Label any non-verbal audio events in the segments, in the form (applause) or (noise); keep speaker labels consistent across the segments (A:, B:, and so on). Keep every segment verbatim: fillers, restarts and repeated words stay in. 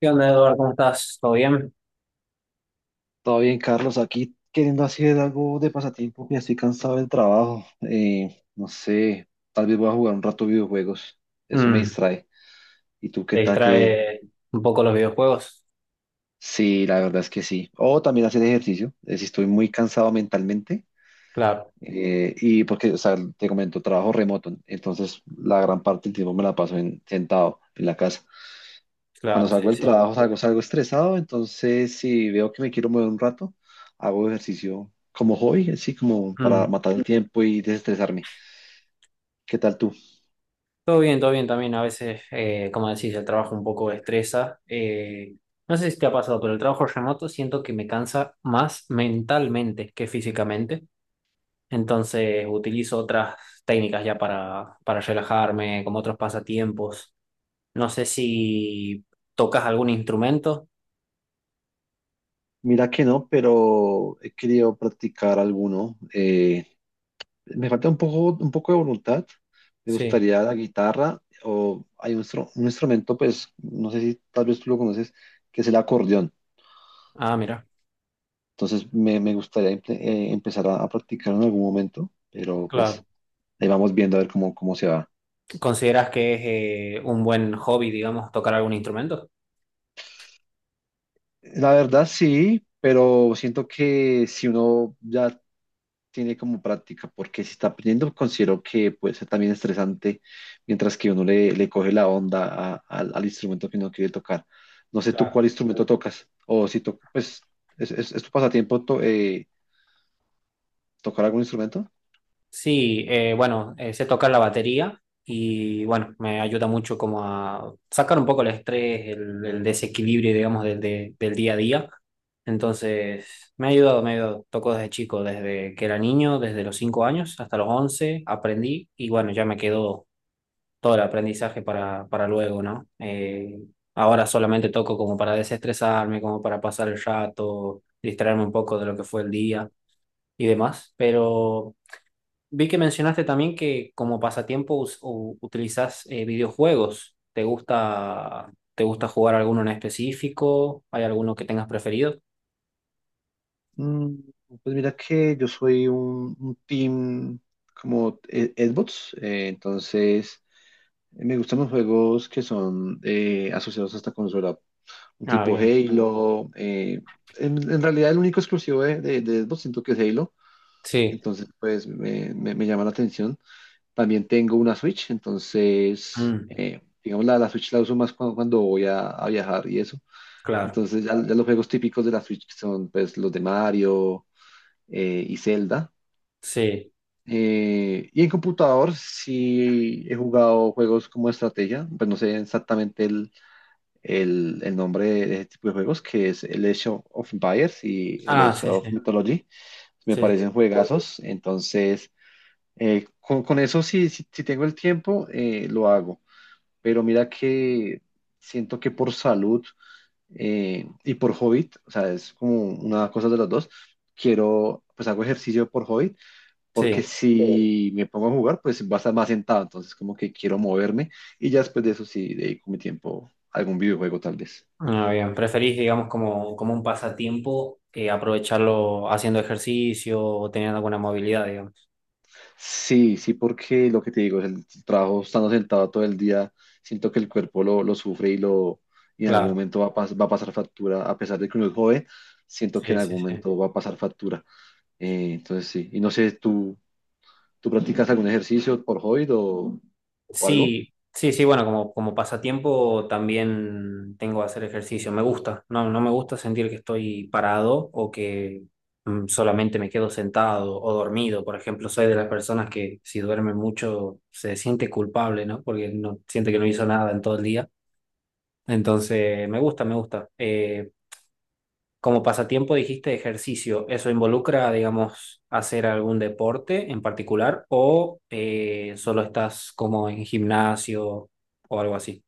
A: ¿Qué onda, Eduardo? ¿Cómo estás? ¿Todo bien?
B: Todo bien, Carlos, aquí queriendo hacer algo de pasatiempo, ya estoy cansado del trabajo. Eh, no sé, tal vez voy a jugar un rato videojuegos, eso me
A: Mm,
B: distrae. ¿Y tú qué
A: ¿te
B: tal que?
A: distrae un poco los videojuegos?
B: Sí, la verdad es que sí. O también hacer ejercicio, eh, si estoy muy cansado mentalmente.
A: Claro,
B: eh, y porque, o sea, te comento, trabajo remoto, entonces la gran parte del tiempo me la paso en- sentado en la casa. Cuando
A: claro, sí,
B: salgo del
A: sí.
B: trabajo salgo, salgo estresado, entonces si veo que me quiero mover un rato, hago ejercicio como hobby, así como para
A: Mm.
B: matar el tiempo y desestresarme. ¿Qué tal tú?
A: Todo bien, todo bien también. A veces, eh, como decís, el trabajo un poco estresa. Eh, no sé si te ha pasado, pero el trabajo remoto siento que me cansa más mentalmente que físicamente. Entonces utilizo otras técnicas ya para, para relajarme, como otros pasatiempos. No sé si tocas algún instrumento.
B: Mira que no, pero he querido practicar alguno. Eh, me falta un poco, un poco de voluntad. Me
A: Sí.
B: gustaría la guitarra o hay un, instru- un instrumento, pues no sé si tal vez tú lo conoces, que es el acordeón.
A: Ah, mira.
B: Entonces me, me gustaría empe- eh, empezar a, a practicar en algún momento, pero pues
A: Claro.
B: ahí vamos viendo a ver cómo, cómo se va.
A: ¿Consideras que es eh, un buen hobby, digamos, tocar algún instrumento?
B: La verdad sí, pero siento que si uno ya tiene como práctica, porque si está aprendiendo, considero que puede ser también estresante, mientras que uno le, le coge la onda a- al al instrumento que uno quiere tocar. No sé tú cuál
A: Claro.
B: instrumento tocas, o si tocas, pues, ¿es, es, es tu pasatiempo to- eh, tocar algún instrumento?
A: Sí, eh, bueno, eh, sé tocar la batería y bueno, me ayuda mucho como a sacar un poco el estrés, el, el desequilibrio, digamos, del, de- del día a día. Entonces, me ha ayudado, me ha ayudado. Toco desde chico, desde que era niño, desde los cinco años hasta los once aprendí y bueno, ya me quedó todo el aprendizaje para, para luego, ¿no? Eh, ahora solamente toco como para desestresarme, como para pasar el rato, distraerme un poco de lo que fue el día y demás, pero vi que mencionaste también que como pasatiempo us- u- utilizas eh, videojuegos. ¿Te gusta, te gusta jugar alguno en específico? ¿Hay alguno que tengas preferido?
B: Mm, pues mira que yo soy un, un team como eh, Xbox, eh, entonces... eh, Me gustan los juegos que son eh, asociados hasta consola, un
A: Ah,
B: tipo
A: bien.
B: Halo. eh, en, en realidad el único exclusivo de, de, de Xbox siento que es Halo,
A: Sí.
B: entonces pues me, me- me llama la atención. También tengo una Switch, entonces
A: Mm,
B: eh, digamos la, la Switch la uso más cuando, cuando voy a, a viajar y eso.
A: claro.
B: Entonces ya, ya los juegos típicos de la Switch que son pues los de Mario eh, y Zelda.
A: Sí.
B: Eh, y en computador sí he jugado juegos como estrategia, pues no sé exactamente el el, el nombre de ese tipo de juegos, que es el Age of of Empires y el
A: Ah,
B: Age
A: sí,
B: of
A: sí.
B: Mythology. Me
A: Sí, sí, sí.
B: parecen juegazos, entonces eh, con, con eso si, si, si tengo el tiempo, eh, lo hago. Pero mira que siento que por salud eh, y por hobby, o sea, es como una cosa de las dos, quiero, pues hago ejercicio por hobby, porque,
A: Sí.
B: sí, si me pongo a jugar, pues va a estar más sentado, entonces como que quiero moverme y ya después de eso sí dedico mi tiempo a algún videojuego tal vez.
A: Ah, bien, preferís, digamos, como, como un pasatiempo eh, aprovecharlo haciendo ejercicio o teniendo alguna movilidad, digamos.
B: Sí, sí, porque lo que te digo es el trabajo estando sentado todo el día, siento que el cuerpo lo, lo sufre y lo y en algún
A: Claro,
B: momento va a, pas- va a pasar factura, a pesar de que uno es joven, siento que
A: sí,
B: en
A: sí,
B: algún
A: sí.
B: momento va a pasar factura. Eh, entonces sí, y no sé, ¿tú, tú practicas algún ejercicio por hobby o, o algo?
A: Sí, sí, sí, bueno, como, como pasatiempo también tengo que hacer ejercicio. Me gusta, no, no me gusta sentir que estoy parado o que mm, solamente me quedo sentado o dormido. Por ejemplo, soy de las personas que si duerme mucho se siente culpable, ¿no? Porque no siente que no hizo nada en todo el día. Entonces, me gusta, me gusta. Eh, Como pasatiempo dijiste ejercicio, ¿eso involucra, digamos, hacer algún deporte en particular o eh, solo estás como en gimnasio o algo así?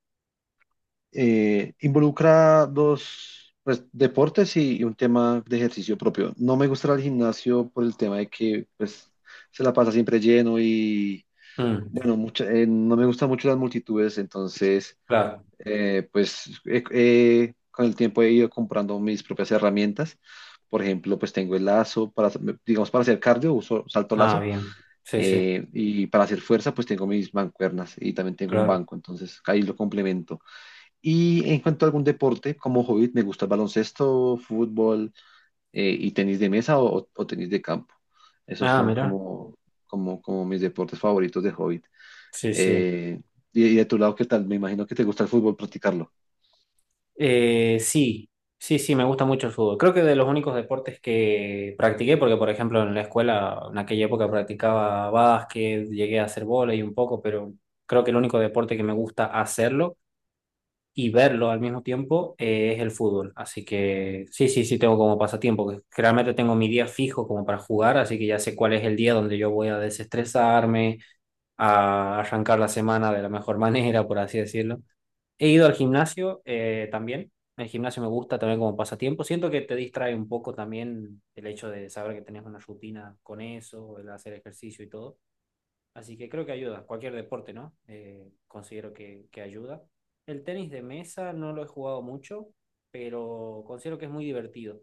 B: Eh, involucra dos pues, deportes y, y un tema de ejercicio propio. No me gusta el gimnasio por el tema de que pues, se la pasa siempre lleno.
A: Mm,
B: Bueno, mucha- eh, no me gustan mucho las multitudes, entonces,
A: claro.
B: eh, pues he- he- con el tiempo he ido comprando mis propias herramientas. Por ejemplo, pues tengo el lazo para, hacer- digamos, para hacer cardio, uso salto
A: Ah,
B: lazo,
A: bien. Sí, sí,
B: eh, y para hacer fuerza, pues tengo mis mancuernas y también tengo un
A: claro.
B: banco, entonces ahí lo complemento. Y en cuanto a algún deporte, como hobby, me gusta el baloncesto, fútbol, eh, y tenis de mesa o, o tenis de campo. Esos
A: Ah,
B: son
A: mira.
B: como, como, como mis deportes favoritos de hobby.
A: Sí, sí.
B: Eh, y, y de tu lado, ¿qué tal? Me imagino que te gusta el fútbol, practicarlo.
A: Eh, sí, sí, sí, me gusta mucho el fútbol. Creo que de los únicos deportes que practiqué, porque por ejemplo en la escuela, en aquella época practicaba básquet, llegué a hacer vóley un poco, pero creo que el único deporte que me gusta hacerlo y verlo al mismo tiempo eh, es el fútbol. Así que sí, sí, sí tengo como pasatiempo, que realmente tengo mi día fijo como para jugar, así que ya sé cuál es el día donde yo voy a desestresarme, a arrancar la semana de la mejor (laughs) manera, por así decirlo. He ido al gimnasio eh, también. El gimnasio me gusta también como pasatiempo. Siento que te distrae un poco también el hecho de saber que tenés una rutina con eso, el hacer ejercicio y todo. Así que creo que ayuda, cualquier deporte, ¿no? Eh, considero que, que ayuda. El tenis de mesa no lo he jugado mucho, pero considero que es muy divertido.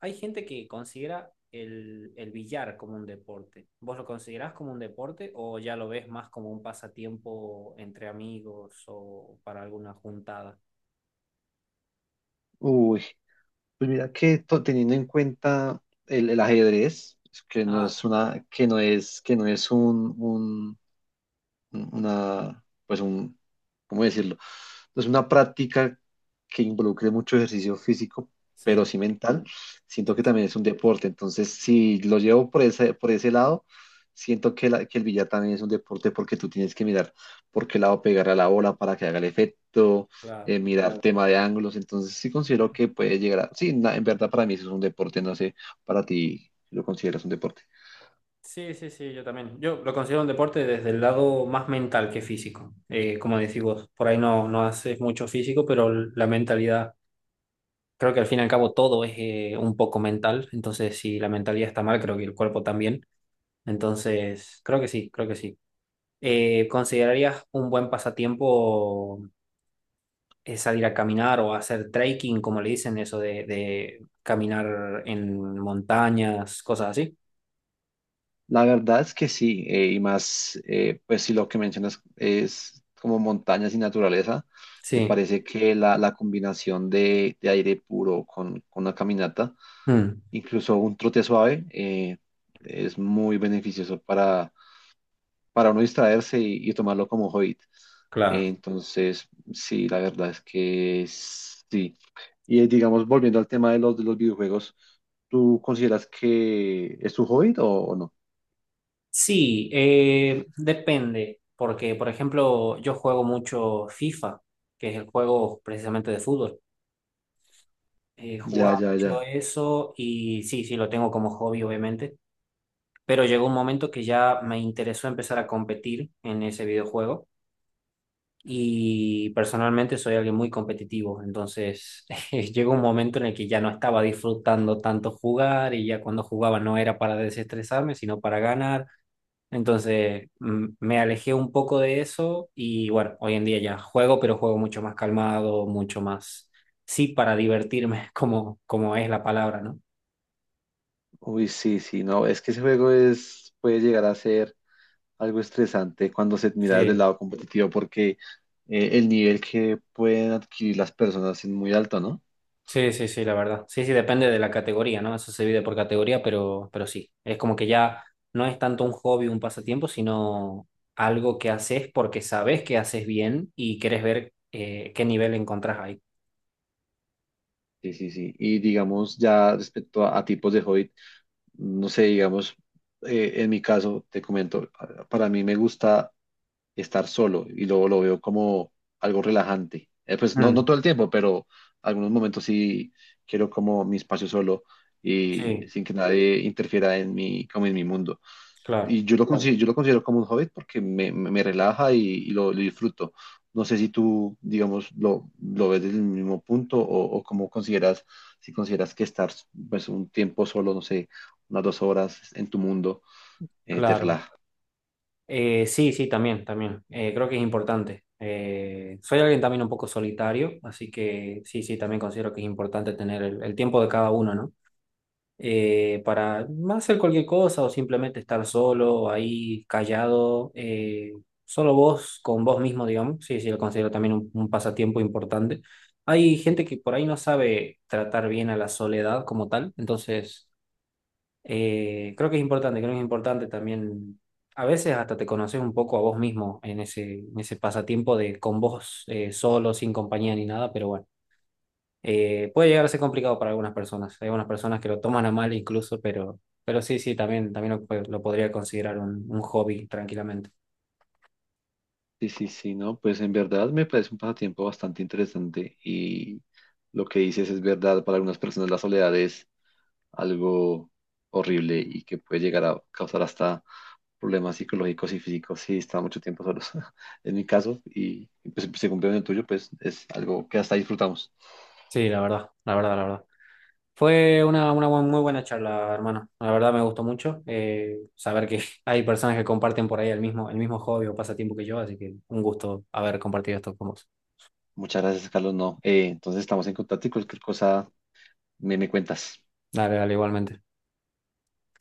A: Hay gente que considera el, el billar como un deporte. ¿Vos lo considerás como un deporte o ya lo ves más como un pasatiempo entre amigos o para alguna juntada?
B: Uy, pues mira que to- teniendo en cuenta el, el ajedrez, que no
A: Ah,
B: es
A: bien.
B: una, que no es, que no es un, un- una, pues un, ¿cómo decirlo? Entonces, una práctica que involucre mucho ejercicio físico, pero
A: Sí,
B: sí mental, siento
A: sí,
B: que
A: sí,
B: también es un deporte. Entonces, si lo llevo por ese, por ese lado, siento que, la- que el billar también es un deporte porque tú tienes que mirar por qué lado pegar a la bola para que haga el efecto,
A: claro.
B: eh, mirar tema de ángulos. Entonces, sí considero que puede llegar a. Sí, na- en verdad para mí eso es un deporte, no sé, ¿para ti lo consideras un deporte?
A: Sí, sí, sí, yo también. Yo lo considero un deporte desde el lado más mental que físico. Eh, como decís vos, por ahí no, no haces mucho físico, pero l- la mentalidad, creo que al fin y al cabo todo es eh, un poco mental. Entonces, si la mentalidad está mal, creo que el cuerpo también. Entonces, creo que sí, creo que sí. Eh, ¿considerarías un buen pasatiempo eh, salir a caminar o hacer trekking, como le dicen, eso de, de caminar en montañas, cosas así?
B: La verdad es que sí, eh, y más, eh, pues si lo que mencionas es como montañas y naturaleza, me
A: Sí,
B: parece que la, la combinación de, de aire puro con, con una caminata,
A: mm,
B: incluso un trote suave, eh, es muy beneficioso para, para uno distraerse y, y tomarlo como hobby. Eh,
A: claro.
B: Entonces, sí, la verdad es que sí. Y eh, digamos, volviendo al tema de los, de los videojuegos, ¿tú consideras que es tu hobby o o no?
A: Sí, eh, depende, porque por ejemplo yo juego mucho FIFA, que es el juego precisamente de fútbol. Eh,
B: Ya,
A: jugaba
B: ya,
A: mucho
B: ya.
A: eso y sí, sí, lo tengo como hobby obviamente, pero llegó un momento que ya me interesó empezar a competir en ese videojuego y personalmente soy alguien muy competitivo, entonces (laughs) llegó un momento en el que ya no estaba disfrutando tanto jugar y ya cuando jugaba no era para desestresarme, sino para ganar. Entonces mm, me alejé un poco de eso y bueno, hoy en día ya juego, pero juego mucho más calmado, mucho más, sí, para divertirme, (laughs) como, como es la palabra, ¿no?
B: Uy, sí, sí, no, es que ese juego es, puede llegar a ser algo estresante cuando se mira desde el
A: Sí,
B: lado competitivo porque eh, el nivel que pueden adquirir las personas es muy alto, ¿no?
A: sí, sí, sí, la verdad. Sí, sí, depende de la categoría, ¿no? Eso se divide por categoría, pero, pero sí, es como que ya no es tanto un hobby, un pasatiempo, sino algo que haces porque sabes que haces bien y querés ver eh, qué nivel encontrás ahí.
B: Sí, sí, sí. Y digamos, ya respecto a, a tipos de hobby, no sé, digamos, eh, en mi caso, te comento, para mí me gusta estar solo y luego lo veo como algo relajante. Eh, pues no, no
A: Mm,
B: todo el tiempo, pero algunos momentos sí quiero como mi espacio solo y
A: sí,
B: sin que nadie interfiera en mi, como en mi mundo.
A: claro,
B: Y yo lo Claro. considero, yo lo considero como un hobby porque me, me- me relaja y, y lo, lo disfruto. No sé si tú, digamos, lo, lo ves desde el mismo punto o, o cómo consideras, si consideras que estar pues, un tiempo solo, no sé, unas dos horas en tu mundo, eh, te
A: claro.
B: relaja.
A: Eh, sí, sí, también, también. Eh, creo que es importante. Eh, soy alguien también un poco solitario, así que sí, sí, también considero que es importante tener el, el tiempo de cada uno, ¿no? Eh, para más hacer cualquier cosa o simplemente estar solo, ahí, callado, eh, solo vos, con vos mismo, digamos. Sí, sí, lo considero también un, un pasatiempo importante. Hay gente que por ahí no sabe tratar bien a la soledad como tal, entonces... Eh, creo que es importante, creo que es importante también. A veces hasta te conoces un poco a vos mismo en ese, en ese pasatiempo de con vos eh, solo, sin compañía ni nada, pero bueno, eh, puede llegar a ser complicado para algunas personas. Hay algunas personas que lo toman a mal incluso, pero, pero sí, sí, también, también lo, lo podría considerar un, un hobby tranquilamente.
B: Sí, sí, sí, no, pues en verdad me parece un pasatiempo bastante interesante y lo que dices es verdad, para algunas personas la soledad es algo horrible y que puede llegar a causar hasta problemas psicológicos y físicos si está mucho tiempo solos. (laughs) En mi caso, y pues se cumplió en el tuyo, pues es algo que hasta disfrutamos.
A: Sí, la verdad, la verdad, la verdad. Fue una, una bu- muy buena charla, hermano. La verdad me gustó mucho eh, saber que (laughs) hay personas que comparten por ahí el mismo, el mismo hobby o pasatiempo que yo, así que un gusto haber compartido esto con vos.
B: Muchas gracias, Carlos, no. eh, entonces estamos en contacto y cualquier cosa me, me cuentas.
A: Dale, dale, igualmente.